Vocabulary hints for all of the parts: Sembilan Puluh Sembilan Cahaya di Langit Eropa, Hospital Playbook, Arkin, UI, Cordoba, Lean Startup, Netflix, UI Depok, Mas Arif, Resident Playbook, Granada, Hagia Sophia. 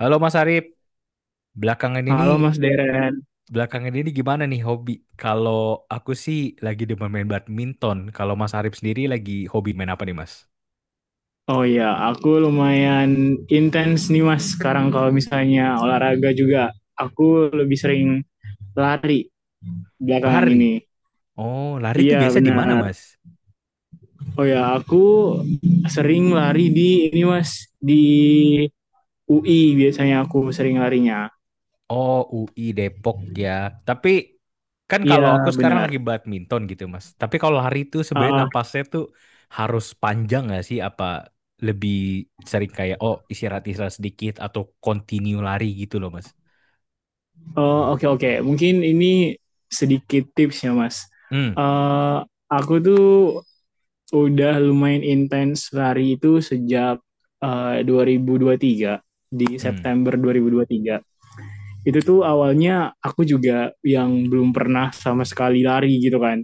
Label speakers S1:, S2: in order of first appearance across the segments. S1: Halo Mas Arif, belakangan
S2: Halo
S1: ini
S2: Mas Deren.
S1: belakangan ini gimana nih hobi? Kalau aku sih lagi demen main badminton. Kalau Mas Arif sendiri lagi hobi main apa nih Mas?
S2: Oh iya, aku lumayan intens nih Mas sekarang kalau misalnya olahraga juga. Aku lebih sering lari belakangan
S1: Lari.
S2: ini.
S1: Oh, lari tuh
S2: Iya
S1: biasa di mana
S2: benar.
S1: Mas?
S2: Oh ya, aku sering lari di ini Mas, di UI biasanya aku sering larinya.
S1: Oh, UI Depok ya. Tapi kan kalau aku
S2: Iya
S1: sekarang
S2: benar.
S1: lagi badminton gitu Mas. Tapi kalau lari tuh sebenarnya
S2: Ah, ah.
S1: napasnya tuh harus panjang nggak sih? Apa lebih sering kayak oh istirahat istirahat sedikit atau continue lari gitu loh Mas?
S2: Oh, oke, oke. Mungkin ini sedikit tips ya Mas.
S1: Hmm,
S2: Eh, aku tuh udah lumayan intens lari itu sejak 2023 di
S1: hmm,
S2: September 2023. Itu tuh awalnya aku juga yang belum pernah sama sekali lari gitu kan.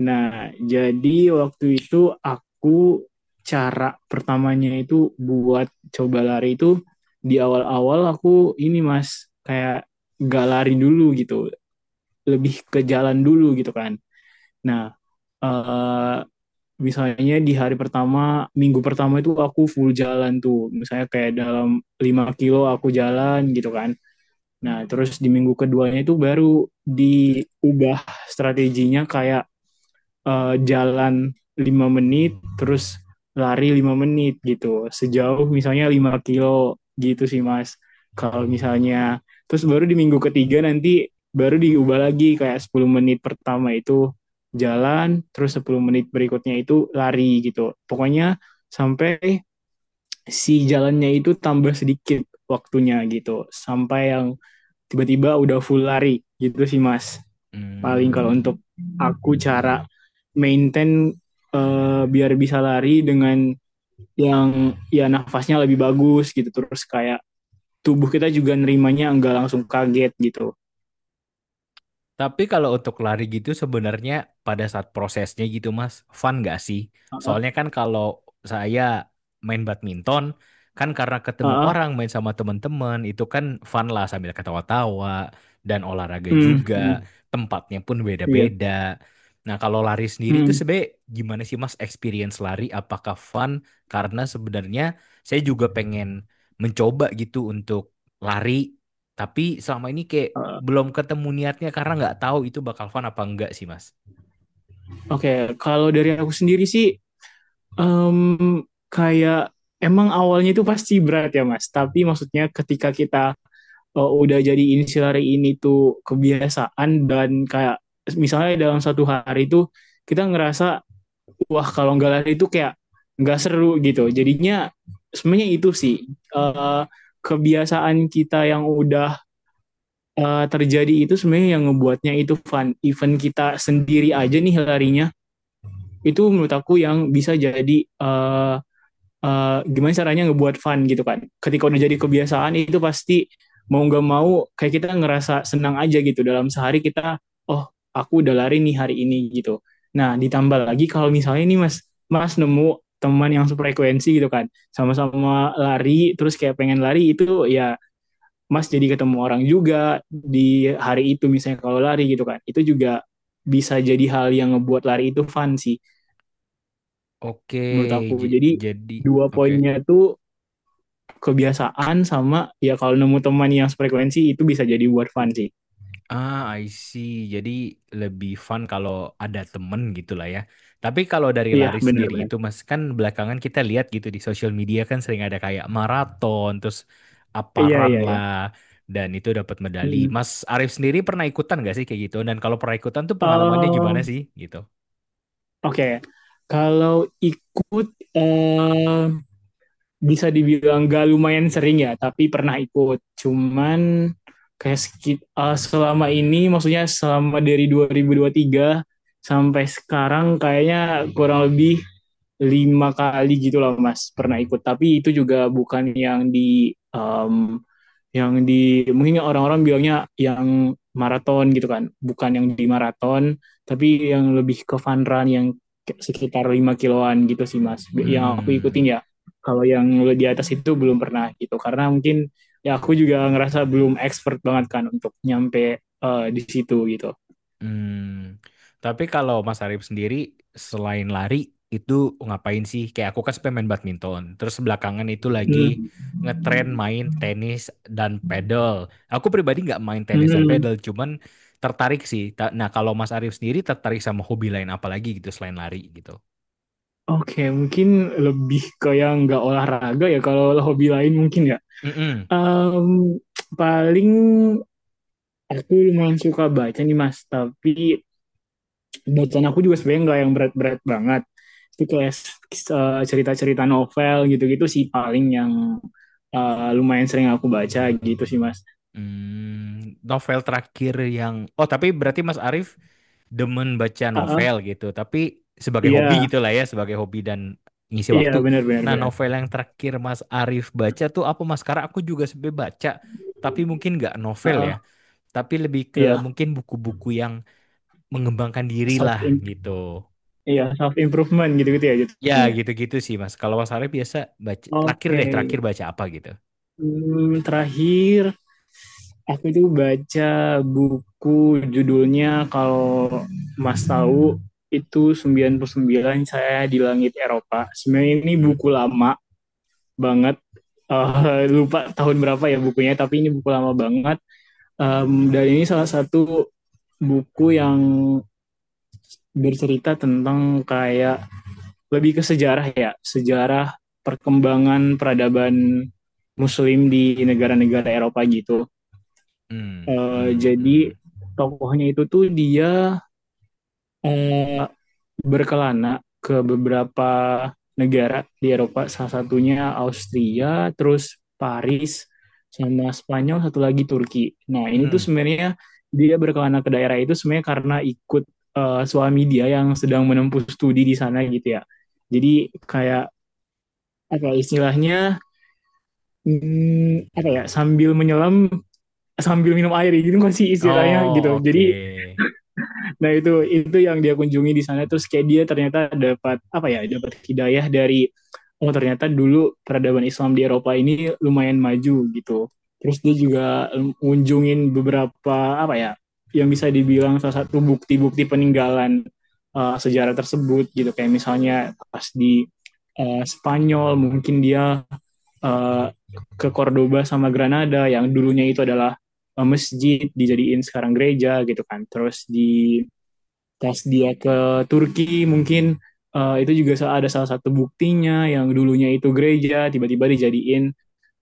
S2: Nah, jadi waktu itu aku cara pertamanya itu buat coba lari itu di awal-awal aku ini Mas kayak gak lari dulu gitu, lebih ke jalan dulu gitu kan. Nah, eh misalnya di hari pertama, minggu pertama itu aku full jalan tuh. Misalnya kayak dalam 5 kilo aku jalan gitu kan. Nah, terus di minggu keduanya itu baru diubah strateginya kayak jalan 5 menit terus lari 5 menit gitu. Sejauh misalnya 5 kilo gitu sih Mas. Kalau misalnya terus baru di minggu ketiga nanti baru diubah lagi kayak 10 menit pertama itu jalan, terus 10 menit berikutnya itu lari gitu. Pokoknya sampai si jalannya itu tambah sedikit waktunya gitu. Sampai yang tiba-tiba udah full lari gitu sih Mas, paling kalau
S1: hmm.
S2: untuk aku cara maintain biar bisa lari dengan yang ya nafasnya lebih bagus gitu terus kayak tubuh kita juga nerimanya nggak langsung kaget gitu.
S1: Tapi kalau untuk lari gitu sebenarnya pada saat prosesnya gitu Mas, fun gak sih?
S2: Heeh,
S1: Soalnya kan kalau saya main badminton, kan karena ketemu
S2: heeh.
S1: orang main sama teman-teman, itu kan fun lah sambil ketawa-tawa dan olahraga
S2: Mm,
S1: juga,
S2: mm,
S1: tempatnya pun
S2: iya.
S1: beda-beda. Nah, kalau lari sendiri itu
S2: Mm.
S1: sebenarnya gimana sih Mas experience lari? Apakah fun? Karena sebenarnya saya juga pengen mencoba gitu untuk lari, tapi selama ini kayak
S2: Heeh.
S1: belum ketemu niatnya karena nggak tahu itu bakal fun apa enggak sih Mas.
S2: Oke, okay. Kalau dari aku sendiri sih, Em, kayak emang awalnya itu pasti berat ya Mas, tapi maksudnya ketika kita udah jadi insilari ini tuh kebiasaan dan kayak misalnya dalam satu hari itu kita ngerasa wah kalau nggak lari itu kayak nggak seru gitu. Jadinya sebenarnya itu sih, eh, kebiasaan kita yang udah terjadi itu sebenarnya yang ngebuatnya itu fun. Even kita sendiri aja nih larinya itu menurut aku yang bisa jadi eh, gimana caranya ngebuat fun gitu kan. Ketika udah jadi kebiasaan itu pasti mau nggak mau kayak kita ngerasa senang aja gitu dalam sehari kita oh aku udah lari nih hari ini gitu. Nah ditambah lagi kalau misalnya nih mas mas nemu teman yang sefrekuensi gitu kan sama-sama lari terus kayak pengen lari itu ya mas jadi ketemu orang juga di hari itu misalnya kalau lari gitu kan itu juga bisa jadi hal yang ngebuat lari itu fun sih
S1: Oke,
S2: menurut aku, jadi
S1: jadi
S2: dua
S1: oke.
S2: poinnya itu kebiasaan sama ya kalau nemu teman yang frekuensi itu bisa jadi buat fun sih.
S1: Ah, I see. Jadi lebih fun kalau ada temen gitu lah ya. Tapi kalau dari lari
S2: Iya,
S1: sendiri
S2: benar-benar.
S1: itu Mas kan belakangan kita lihat gitu di sosial media kan sering ada kayak maraton, terus apa
S2: Iya,
S1: run
S2: iya, iya.
S1: lah dan itu dapat medali.
S2: mm
S1: Mas Arif sendiri pernah ikutan nggak sih kayak gitu? Dan kalau pernah ikutan tuh pengalamannya gimana
S2: Um,
S1: sih gitu?
S2: Oke, kalau ikut eh, bisa dibilang gak lumayan sering ya, tapi pernah ikut. Cuman kayak selama ini, maksudnya selama dari dua ribu tiga sampai sekarang kayaknya kurang lebih 5 kali gitu loh Mas pernah ikut. Tapi itu juga bukan yang di em, yang di mungkin orang-orang bilangnya yang maraton gitu kan, bukan yang di maraton tapi yang lebih ke fun run yang sekitar 5 kiloan gitu sih mas yang aku
S1: Hmm.
S2: ikutin ya. Kalau yang di atas itu belum pernah gitu karena mungkin ya aku juga ngerasa belum expert banget kan untuk nyampe di situ gitu
S1: Hmm, tapi kalau Mas Arif sendiri selain lari itu ngapain sih? Kayak aku kan suka main badminton. Terus belakangan itu lagi
S2: hmm.
S1: ngetren main tenis dan pedal. Aku pribadi nggak main tenis dan
S2: Hmm.
S1: pedal, cuman tertarik sih. Nah, kalau Mas Arif sendiri tertarik sama hobi lain apa lagi gitu selain lari gitu?
S2: Oke, okay, mungkin lebih ke yang nggak olahraga ya. Kalau hobi lain mungkin ya.
S1: Mm-mm.
S2: Um, paling aku lumayan suka baca nih Mas, tapi bacaan aku juga sebenarnya nggak yang berat-berat banget. Itu kayak cerita-cerita novel gitu-gitu sih paling yang lumayan sering aku baca gitu sih Mas.
S1: Hmm, novel terakhir yang oh, tapi berarti Mas Arif demen baca
S2: Heeh,
S1: novel gitu, tapi sebagai hobi
S2: iya,
S1: gitu lah ya, sebagai hobi dan ngisi
S2: iya
S1: waktu.
S2: benar-benar
S1: Nah,
S2: benar.
S1: novel yang terakhir Mas Arif baca tuh apa Mas? Karena aku juga sebenarnya baca, tapi mungkin nggak novel
S2: Heeh,
S1: ya, tapi lebih ke
S2: iya,
S1: mungkin buku-buku yang mengembangkan diri
S2: self
S1: lah gitu.
S2: iya, self improvement gitu-gitu ya
S1: Ya,
S2: jadinya.
S1: gitu-gitu sih Mas. Kalau Mas Arif biasa baca terakhir
S2: Oke.
S1: deh, terakhir baca apa gitu?
S2: Terakhir aku itu baca buku judulnya, kalau Mas tahu, itu 99 saya di langit Eropa. Sebenarnya ini
S1: Hmm,
S2: buku lama banget. Lupa tahun berapa ya bukunya, tapi ini buku lama banget. Dan ini salah satu buku yang bercerita tentang kayak lebih ke sejarah ya, sejarah perkembangan peradaban Muslim di negara-negara Eropa gitu.
S1: hmm,
S2: Uh,
S1: hmm, hmm.
S2: jadi tokohnya itu tuh dia uh, berkelana ke beberapa negara di Eropa, salah satunya Austria, terus Paris, sama Spanyol, satu lagi Turki. Nah ini tuh
S1: Hmm.
S2: sebenarnya dia berkelana ke daerah itu sebenarnya karena ikut suami dia yang sedang menempuh studi di sana gitu ya. Jadi kayak apa ya istilahnya, apa ya, sambil menyelam sambil minum air gitu kan sih istilahnya gitu.
S1: Oh,
S2: Jadi,
S1: oke.
S2: Nah, itu yang dia kunjungi di sana, terus kayak dia ternyata dapat apa ya, dapat hidayah dari oh ternyata dulu peradaban Islam di Eropa ini lumayan maju gitu. Terus dia juga ngunjungin beberapa apa ya yang bisa dibilang salah satu bukti-bukti peninggalan sejarah tersebut gitu kayak misalnya pas di Spanyol mungkin dia uh, ke Cordoba sama Granada yang dulunya itu adalah masjid dijadiin sekarang gereja gitu kan. Terus pas dia ke Turki mungkin itu juga ada salah satu buktinya yang dulunya itu gereja tiba-tiba dijadiin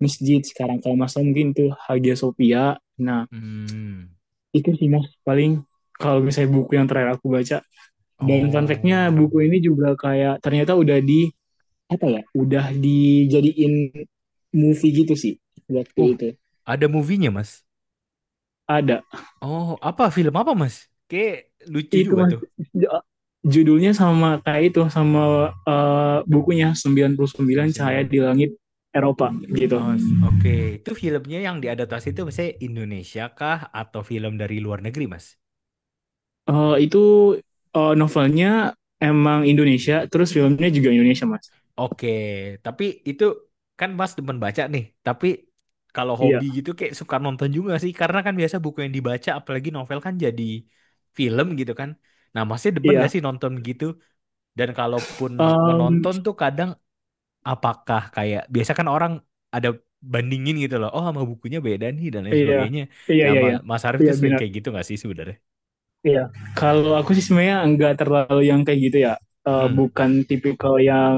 S2: masjid. Sekarang kalau Mas mungkin itu Hagia Sophia. Nah,
S1: Hmm.
S2: itu sih Mas paling kalau misalnya buku yang terakhir aku baca, dan fun fact-nya
S1: Oh.
S2: buku ini juga kayak ternyata udah di apa ya? Udah dijadiin movie gitu sih waktu
S1: Uh,
S2: itu.
S1: ada movie-nya, Mas.
S2: Ada
S1: Oh, apa film apa, Mas? Kayak lucu
S2: itu
S1: juga
S2: mas,
S1: tuh.
S2: judulnya sama kayak itu, sama bukunya, sembilan puluh
S1: sembilan.
S2: sembilan Cahaya
S1: sembilan.
S2: di Langit Eropa gitu.
S1: Oh, oke. Itu filmnya yang diadaptasi itu misalnya Indonesia kah atau film dari luar negeri, Mas?
S2: Itu novelnya emang Indonesia, terus filmnya juga Indonesia mas.
S1: Oke, tapi itu kan Mas demen baca nih. Tapi kalau
S2: Iya,
S1: hobi gitu kayak suka nonton juga sih karena kan biasa buku yang dibaca apalagi novel kan jadi film gitu kan. Nah, Masnya demen gak
S2: iya,
S1: sih nonton gitu? Dan kalaupun
S2: Em,
S1: menonton tuh kadang apakah kayak biasa kan orang ada bandingin gitu loh oh sama bukunya beda nih dan lain
S2: iya,
S1: sebagainya
S2: iya, iya,
S1: nama
S2: iya,
S1: Mas Arief
S2: iya,
S1: itu sering
S2: benar.
S1: kayak gitu nggak sih sebenarnya.
S2: Iya. Kalau aku sih sebenarnya nggak terlalu yang kayak gitu ya. Eh,
S1: Hmm,
S2: bukan tipikal yang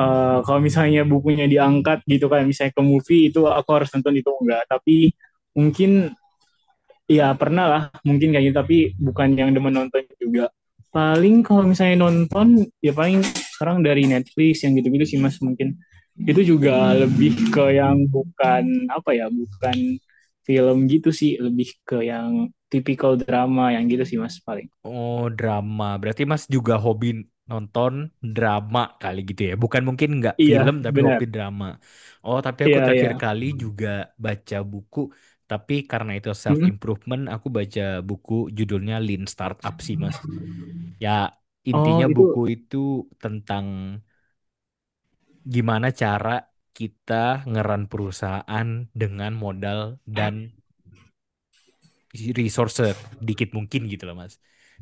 S2: kalau misalnya bukunya diangkat gitu kan, misalnya ke movie, itu aku harus nonton, itu enggak. Tapi mungkin iya pernah lah mungkin kayak gitu, tapi bukan yang demen nonton juga. Paling kalau misalnya nonton ya paling sekarang dari Netflix yang gitu-gitu sih mas, mungkin itu juga
S1: hmm.
S2: lebih ke yang bukan apa ya, bukan film gitu sih, lebih ke yang tipikal drama yang gitu sih mas paling.
S1: Oh, drama berarti Mas juga hobi nonton drama kali gitu ya bukan mungkin nggak
S2: Iya
S1: film tapi
S2: benar.
S1: hobi drama. Oh, tapi aku
S2: Iya, iya.
S1: terakhir kali juga baca buku tapi karena itu self
S2: Mm-mm.
S1: improvement aku baca buku judulnya Lean Startup sih Mas, ya intinya
S2: Oh
S1: buku
S2: itu,
S1: itu tentang gimana cara kita ngeran perusahaan dengan modal dan resource dikit mungkin gitu loh Mas.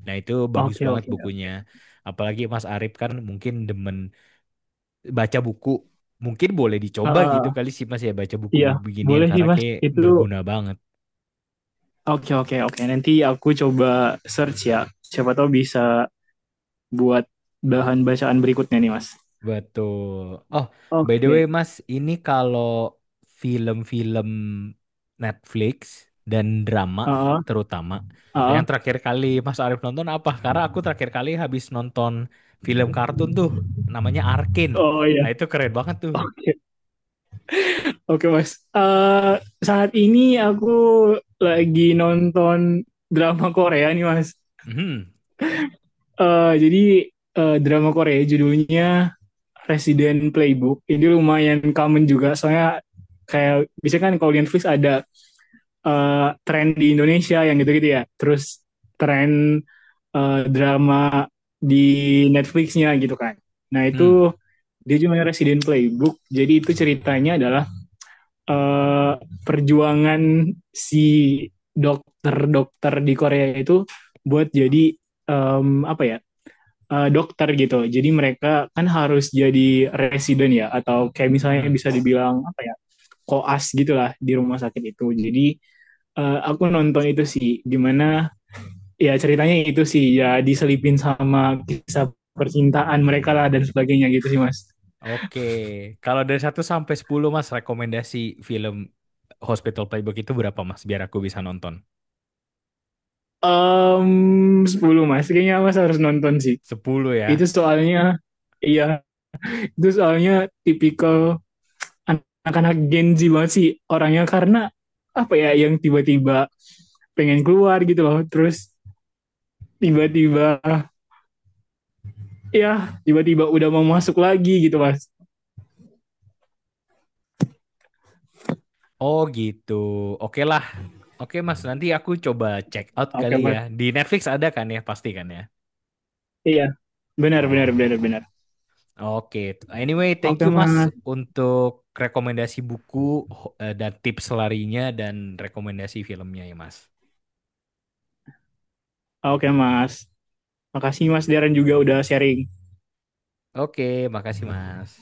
S1: Nah itu bagus
S2: oke,
S1: banget
S2: oke.
S1: bukunya. Apalagi Mas Arif kan mungkin demen baca buku. Mungkin boleh
S2: Ah,
S1: dicoba
S2: ah, ah.
S1: gitu kali sih Mas ya baca buku
S2: Iya
S1: beginian
S2: boleh sih
S1: karena
S2: mas
S1: kayak
S2: itu,
S1: berguna banget.
S2: oke, oke, oke, nanti aku coba search ya, siapa tahu bisa buat bahan bacaan berikutnya nih, Mas.
S1: Betul. Oh, by the
S2: Oke.
S1: way, Mas, ini kalau film-film Netflix dan drama
S2: Ah,
S1: terutama,
S2: ah.
S1: yang terakhir kali Mas Arif nonton apa? Karena aku terakhir kali habis nonton film kartun tuh, namanya Arkin.
S2: Oh iya.
S1: Nah, itu keren banget tuh.
S2: Oke. Oke, Mas. Eh, saat ini aku lagi nonton drama Korea nih, Mas.
S1: Mhm.
S2: Jadi drama Korea judulnya Resident Playbook. Ini lumayan common juga soalnya kayak biasanya kan kalau di Netflix ada eh, tren di Indonesia yang gitu-gitu ya. Terus tren drama di Netflixnya gitu kan. Nah,
S1: Hmm.
S2: Dia cuma resident playbook. Jadi itu ceritanya adalah eh, perjuangan si dokter-dokter di Korea itu buat jadi apa ya, dokter gitu. Jadi mereka kan harus jadi resident ya atau kayak misalnya
S1: Mhm.
S2: bisa dibilang apa ya, koas gitulah di rumah sakit itu. Jadi aku nonton itu sih, gimana ya, ceritanya itu sih ya diselipin sama kisah percintaan mereka lah dan sebagainya gitu sih mas.
S1: Oke. Kalau dari 1 sampai 10 Mas, rekomendasi film Hospital Playbook itu berapa, Mas? Biar aku bisa nonton.
S2: um 10 Mas, kayaknya Mas harus nonton sih.
S1: sepuluh
S2: Itu
S1: ya.
S2: soalnya, iya, itu soalnya tipikal anak-anak Gen Z banget sih orangnya, karena apa ya yang tiba-tiba pengen keluar gitu loh, terus tiba-tiba ya tiba-tiba udah mau masuk lagi gitu Mas.
S1: Oh gitu. Oke lah. Oke Mas, nanti aku coba check out
S2: Oke
S1: kali ya.
S2: Mas,
S1: Di Netflix ada kan ya, pasti kan ya.
S2: iya, benar benar benar
S1: Oh.
S2: benar.
S1: Oke. Anyway, thank
S2: Oke
S1: you Mas
S2: Mas,
S1: untuk rekomendasi buku dan tips larinya dan rekomendasi filmnya ya Mas.
S2: oke Mas, makasih Mas Darren juga udah sharing.
S1: Oke, makasih Mas.